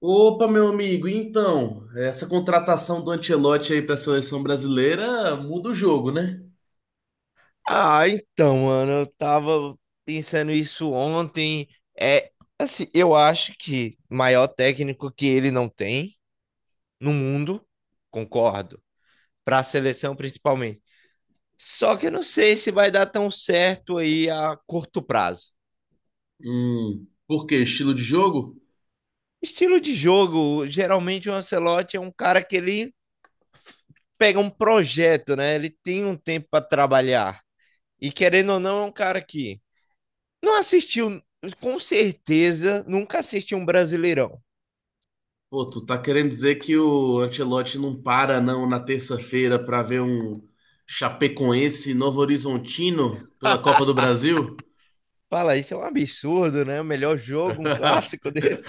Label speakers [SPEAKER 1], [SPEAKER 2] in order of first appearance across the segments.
[SPEAKER 1] Opa, meu amigo, então, essa contratação do Ancelotti aí para a seleção brasileira muda o jogo, né?
[SPEAKER 2] Ah, então, mano, eu tava pensando isso ontem. É, assim, eu acho que maior técnico que ele não tem no mundo, concordo, para a seleção principalmente. Só que eu não sei se vai dar tão certo aí a curto prazo.
[SPEAKER 1] Por quê? Estilo de jogo?
[SPEAKER 2] Estilo de jogo, geralmente o Ancelotti é um cara que ele pega um projeto, né? Ele tem um tempo para trabalhar. E querendo ou não, é um cara que não assistiu, com certeza, nunca assistiu um Brasileirão.
[SPEAKER 1] Pô, tu tá querendo dizer que o Ancelotti não para não na terça-feira para ver um Chapecoense e Novo Horizontino pela Copa do Brasil?
[SPEAKER 2] Fala, isso é um absurdo, né? O melhor jogo, um clássico desse.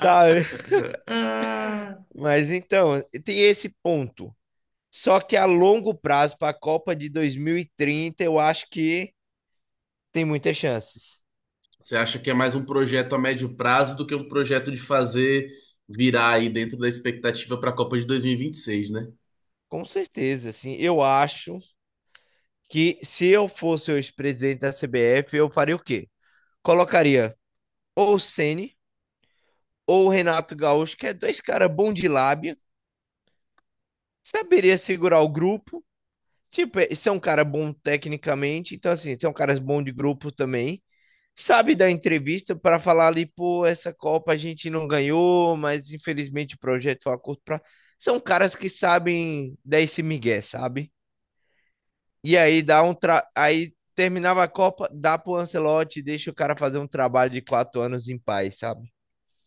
[SPEAKER 2] Tá, mas então, tem esse ponto. Só que a longo prazo, para a Copa de 2030, eu acho que tem muitas chances.
[SPEAKER 1] Você acha que é mais um projeto a médio prazo do que um projeto de fazer virar aí dentro da expectativa para a Copa de dois mil e vinte e seis, né?
[SPEAKER 2] Com certeza, assim. Eu acho que se eu fosse o ex-presidente da CBF, eu faria o quê? Colocaria ou o Ceni ou o Renato Gaúcho, que é dois caras bons de lábia, saberia segurar o grupo. Tipo, você é um cara bom tecnicamente, então assim, você é um cara bom de grupo também. Sabe dar entrevista para falar ali, pô, essa Copa a gente não ganhou, mas infelizmente o projeto foi a curto prazo. São caras que sabem dar esse migué, sabe? E aí dá um aí terminava a Copa, dá pro Ancelotti, deixa o cara fazer um trabalho de 4 anos em paz, sabe?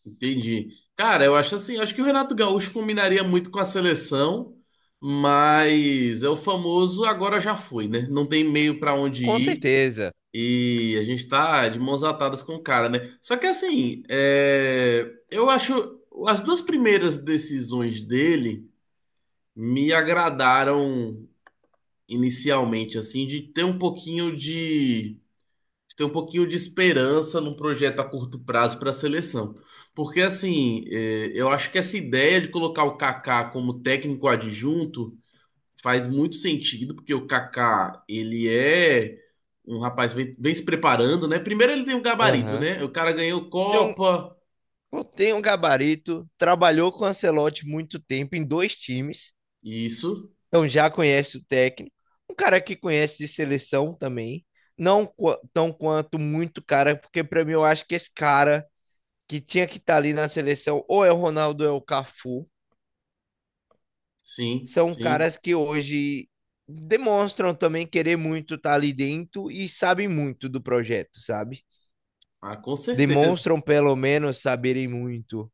[SPEAKER 1] Entendi. Cara, eu acho assim, acho que o Renato Gaúcho combinaria muito com a seleção, mas é o famoso agora já foi, né? Não tem meio para onde
[SPEAKER 2] Com
[SPEAKER 1] ir
[SPEAKER 2] certeza.
[SPEAKER 1] e a gente tá de mãos atadas com o cara, né? Só que assim, é, eu acho as duas primeiras decisões dele me agradaram inicialmente, assim, de ter um pouquinho de ter um pouquinho de esperança num projeto a curto prazo para a seleção. Porque, assim, eu acho que essa ideia de colocar o Kaká como técnico adjunto faz muito sentido, porque o Kaká, ele é um rapaz vem se preparando, né? Primeiro ele tem um gabarito,
[SPEAKER 2] Aham.
[SPEAKER 1] né? O cara ganhou
[SPEAKER 2] Tem
[SPEAKER 1] Copa,
[SPEAKER 2] tem um gabarito, trabalhou com o Ancelotti muito tempo em dois times.
[SPEAKER 1] isso,
[SPEAKER 2] Então já conhece o técnico. Um cara que conhece de seleção também. Não tão quanto muito cara, porque para mim eu acho que esse cara que tinha que estar ali na seleção, ou é o Ronaldo ou é o Cafu,
[SPEAKER 1] sim,
[SPEAKER 2] são
[SPEAKER 1] sim.
[SPEAKER 2] caras que hoje demonstram também querer muito estar ali dentro e sabem muito do projeto, sabe?
[SPEAKER 1] Ah, com certeza.
[SPEAKER 2] Demonstram pelo menos saberem muito,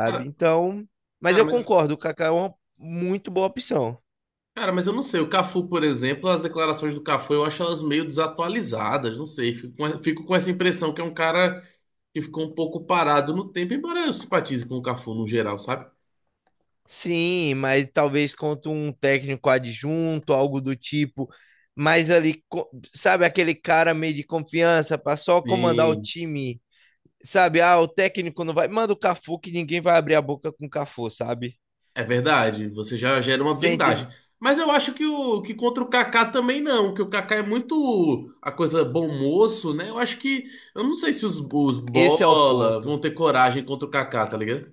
[SPEAKER 1] Cara,
[SPEAKER 2] Então, mas
[SPEAKER 1] cara,
[SPEAKER 2] eu
[SPEAKER 1] mas
[SPEAKER 2] concordo, o Kaká é uma muito boa opção.
[SPEAKER 1] Cara, mas eu não sei. O Cafu, por exemplo, as declarações do Cafu eu acho elas meio desatualizadas. Não sei. Fico com essa impressão que é um cara que ficou um pouco parado no tempo, embora eu simpatize com o Cafu no geral, sabe?
[SPEAKER 2] Sim, mas talvez contra um técnico adjunto, algo do tipo. Mas ali, sabe, aquele cara meio de confiança para só comandar
[SPEAKER 1] E
[SPEAKER 2] o time. Sabe, ah, o técnico não vai. Manda o Cafu que ninguém vai abrir a boca com o Cafu, sabe?
[SPEAKER 1] é verdade, você já gera uma
[SPEAKER 2] Você entende?
[SPEAKER 1] blindagem. Mas eu acho que contra o Kaká também não, que o Kaká é muito a coisa bom moço, né? Eu acho que. Eu não sei se os
[SPEAKER 2] Esse é o
[SPEAKER 1] bola
[SPEAKER 2] ponto.
[SPEAKER 1] vão ter coragem contra o Kaká, tá ligado?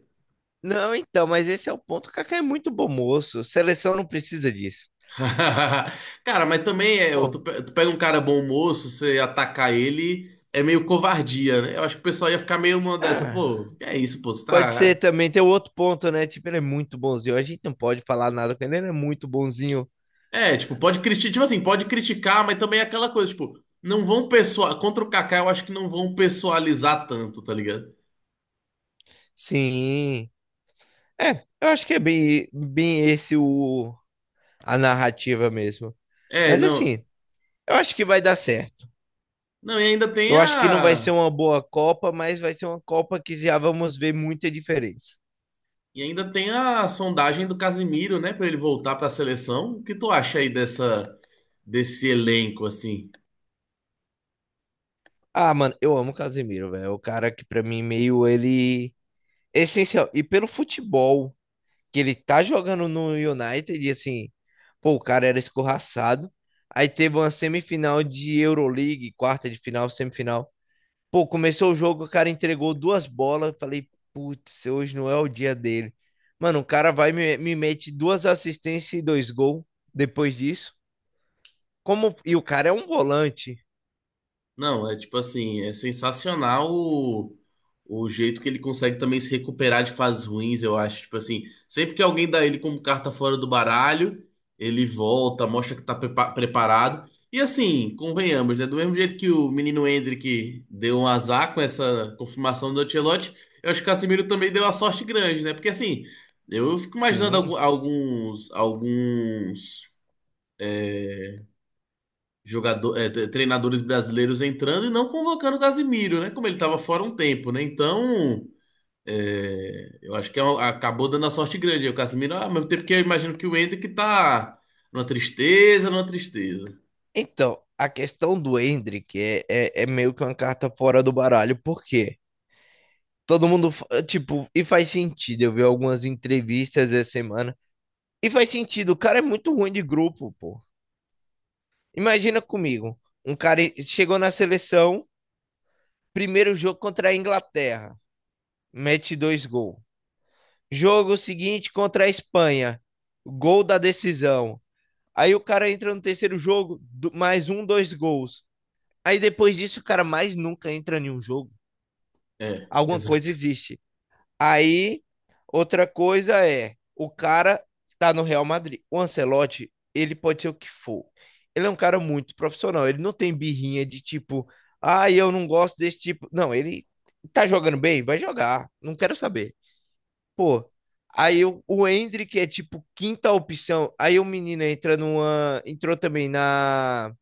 [SPEAKER 2] Não, então, mas esse é o ponto. O Kaká é muito bom moço. Seleção não precisa disso.
[SPEAKER 1] Cara, mas também é,
[SPEAKER 2] Pô,
[SPEAKER 1] tu pega um cara bom moço, você atacar ele é meio covardia, né? Eu acho que o pessoal ia ficar meio uma dessa,
[SPEAKER 2] ah,
[SPEAKER 1] pô, que é isso, pô, você
[SPEAKER 2] pode ser
[SPEAKER 1] tá.
[SPEAKER 2] também. Tem outro ponto, né? Tipo, ele é muito bonzinho. A gente não pode falar nada com ele. Ele é muito bonzinho.
[SPEAKER 1] É, tipo, pode criticar, tipo assim, pode criticar, mas também é aquela coisa, tipo, não vão pessoal, contra o Kaká eu acho que não vão pessoalizar tanto, tá ligado?
[SPEAKER 2] Sim. É, eu acho que é bem esse a narrativa mesmo.
[SPEAKER 1] É,
[SPEAKER 2] Mas
[SPEAKER 1] não.
[SPEAKER 2] assim, eu acho que vai dar certo.
[SPEAKER 1] Não, e ainda tem
[SPEAKER 2] Eu acho que não vai ser
[SPEAKER 1] a
[SPEAKER 2] uma boa Copa, mas vai ser uma Copa que já vamos ver muita diferença.
[SPEAKER 1] e ainda tem a sondagem do Casimiro, né, pra ele voltar pra seleção. O que tu acha aí dessa desse elenco assim?
[SPEAKER 2] Ah, mano, eu amo o Casemiro, velho. É o cara que pra mim meio ele é essencial. E pelo futebol que ele tá jogando no United, e assim, pô, o cara era escorraçado. Aí teve uma semifinal de Euroleague, quarta de final, semifinal. Pô, começou o jogo, o cara entregou duas bolas. Falei, putz, hoje não é o dia dele. Mano, o cara vai e me mete duas assistências e dois gols depois disso. Como, e o cara é um volante.
[SPEAKER 1] Não, é tipo assim, é sensacional o jeito que ele consegue também se recuperar de fases ruins, eu acho. Tipo assim, sempre que alguém dá ele como carta fora do baralho, ele volta, mostra que tá preparado. E assim, convenhamos, né? Do mesmo jeito que o menino Endrick deu um azar com essa confirmação do Ancelotti, eu acho que o Casemiro também deu uma sorte grande, né? Porque assim, eu fico imaginando
[SPEAKER 2] Sim.
[SPEAKER 1] alguns jogador, treinadores brasileiros entrando e não convocando o Casimiro, né? Como ele estava fora um tempo, né? Então, eu acho que acabou dando a sorte grande aí o Casimiro, ah, ao mesmo tempo que eu imagino que o Hendrick tá numa tristeza, numa tristeza.
[SPEAKER 2] Então, a questão do Hendrick é meio que uma carta fora do baralho, por quê? Todo mundo, tipo, e faz sentido. Eu vi algumas entrevistas essa semana. E faz sentido, o cara é muito ruim de grupo, pô. Imagina comigo, um cara chegou na seleção, primeiro jogo contra a Inglaterra, mete dois gols. Jogo seguinte contra a Espanha, gol da decisão. Aí o cara entra no terceiro jogo, mais um, dois gols. Aí depois disso, o cara mais nunca entra em um jogo.
[SPEAKER 1] É,
[SPEAKER 2] Alguma coisa
[SPEAKER 1] exato.
[SPEAKER 2] existe. Aí, outra coisa é, o cara tá no Real Madrid. O Ancelotti, ele pode ser o que for. Ele é um cara muito profissional. Ele não tem birrinha de tipo, ah, eu não gosto desse tipo. Não, ele tá jogando bem? Vai jogar. Não quero saber. Pô, aí o Endrick é tipo quinta opção. Aí o menino entra numa. Entrou também na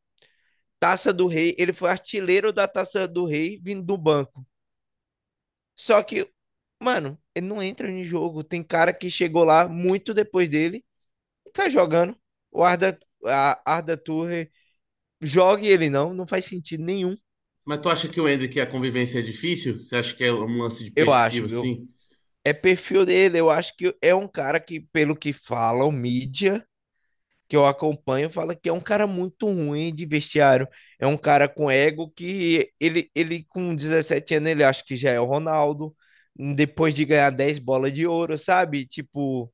[SPEAKER 2] Taça do Rei. Ele foi artilheiro da Taça do Rei vindo do banco. Só que, mano, ele não entra no jogo. Tem cara que chegou lá muito depois dele e tá jogando. O Arda, a Arda Turre joga e ele não. Não faz sentido nenhum,
[SPEAKER 1] Mas tu acha que o Hendrick, a convivência é difícil? Você acha que é um lance de
[SPEAKER 2] eu
[SPEAKER 1] perfil
[SPEAKER 2] acho, viu?
[SPEAKER 1] assim?
[SPEAKER 2] É perfil dele. Eu acho que é um cara que, pelo que falam, mídia que eu acompanho, fala que é um cara muito ruim de vestiário. É um cara com ego que ele com 17 anos, ele acha que já é o Ronaldo. Depois de ganhar 10 bolas de ouro, sabe? Tipo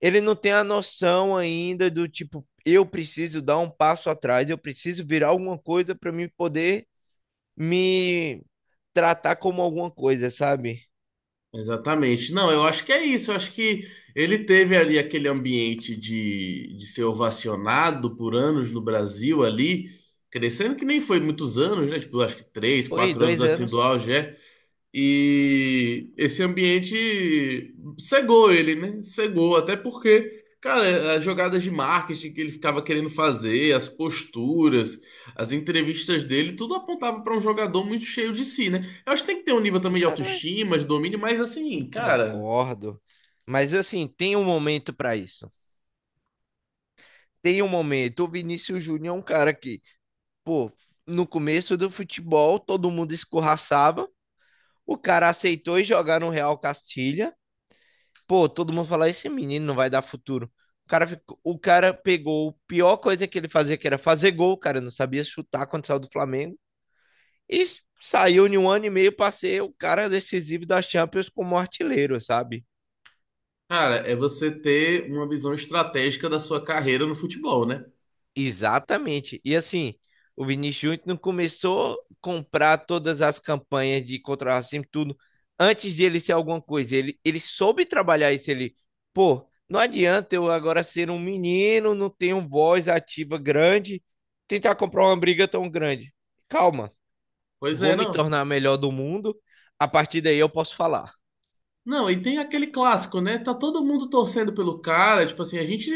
[SPEAKER 2] ele não tem a noção ainda do tipo, eu preciso dar um passo atrás, eu preciso virar alguma coisa para me poder me tratar como alguma coisa, sabe?
[SPEAKER 1] Exatamente. Não, eu acho que é isso. Eu acho que ele teve ali aquele ambiente de ser ovacionado por anos no Brasil ali, crescendo que nem foi muitos anos, né? Tipo, acho que três,
[SPEAKER 2] Foi
[SPEAKER 1] quatro anos
[SPEAKER 2] dois
[SPEAKER 1] assim do
[SPEAKER 2] anos.
[SPEAKER 1] auge, é. E esse ambiente cegou ele, né? Cegou, até porque, cara, as jogadas de marketing que ele ficava querendo fazer, as posturas, as entrevistas dele, tudo apontava para um jogador muito cheio de si, né? Eu acho que tem que ter um nível também de
[SPEAKER 2] Exatamente.
[SPEAKER 1] autoestima, de domínio, mas assim, cara,
[SPEAKER 2] Concordo. Mas assim, tem um momento para isso. Tem um momento. O Vinícius Júnior é um cara que, pô, no começo do futebol, todo mundo escorraçava. O cara aceitou ir jogar no Real Castilha. Pô, todo mundo fala, esse menino não vai dar futuro. O cara, o cara pegou a pior coisa que ele fazia, que era fazer gol, o cara não sabia chutar quando saiu do Flamengo. E saiu em um ano e meio pra ser o cara decisivo da Champions como artilheiro, sabe?
[SPEAKER 1] cara, é você ter uma visão estratégica da sua carreira no futebol, né?
[SPEAKER 2] Exatamente. E assim, o Vinícius Júnior não começou a comprar todas as campanhas de contra o racismo, tudo, antes de ele ser alguma coisa. Ele soube trabalhar isso. Pô, não adianta eu agora ser um menino, não ter um voz ativa grande, tentar comprar uma briga tão grande. Calma,
[SPEAKER 1] Pois
[SPEAKER 2] vou
[SPEAKER 1] é,
[SPEAKER 2] me
[SPEAKER 1] não.
[SPEAKER 2] tornar melhor do mundo, a partir daí eu posso falar.
[SPEAKER 1] Não, e tem aquele clássico, né? Tá todo mundo torcendo pelo cara. Tipo assim, a gente.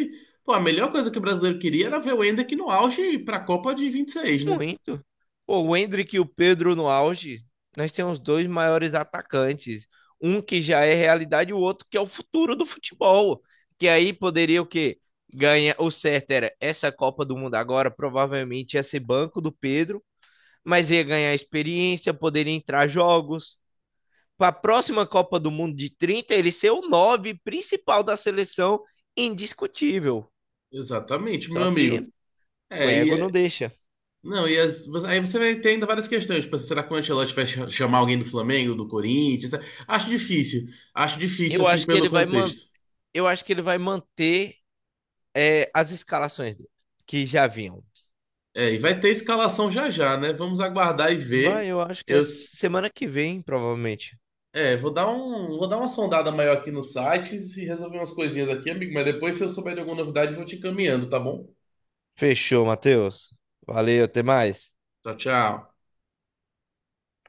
[SPEAKER 1] Pô, a melhor coisa que o brasileiro queria era ver o Endrick no auge pra Copa de 26, né?
[SPEAKER 2] Muito. Pô, o Endrick e o Pedro no auge, nós temos dois maiores atacantes. Um que já é realidade e o outro que é o futuro do futebol. Que aí poderia o quê? Ganha o certo era essa Copa do Mundo agora, provavelmente ia ser banco do Pedro, mas ia ganhar experiência, poderia entrar jogos. Para a próxima Copa do Mundo de 30 ele ser o nove principal da seleção, indiscutível.
[SPEAKER 1] Exatamente,
[SPEAKER 2] Só
[SPEAKER 1] meu amigo.
[SPEAKER 2] que o
[SPEAKER 1] É, e.
[SPEAKER 2] ego
[SPEAKER 1] é-
[SPEAKER 2] não deixa.
[SPEAKER 1] Não, e aí você vai ter ainda várias questões. Tipo, assim, será que o Ancelotti vai chamar alguém do Flamengo, do Corinthians? Acho difícil. Acho difícil,
[SPEAKER 2] Eu
[SPEAKER 1] assim,
[SPEAKER 2] acho que
[SPEAKER 1] pelo
[SPEAKER 2] ele vai manter
[SPEAKER 1] contexto.
[SPEAKER 2] eu acho que ele vai manter é, as escalações dele, que já vinham.
[SPEAKER 1] É, e vai ter escalação já já, né? Vamos aguardar e ver.
[SPEAKER 2] Vai, eu acho que é
[SPEAKER 1] Eu
[SPEAKER 2] semana que vem, provavelmente.
[SPEAKER 1] É, vou dar um, vou dar uma sondada maior aqui nos sites e resolver umas coisinhas aqui, amigo. Mas depois, se eu souber de alguma novidade, eu vou te encaminhando, tá bom?
[SPEAKER 2] Fechou, Matheus. Valeu, até mais.
[SPEAKER 1] Tchau, tchau.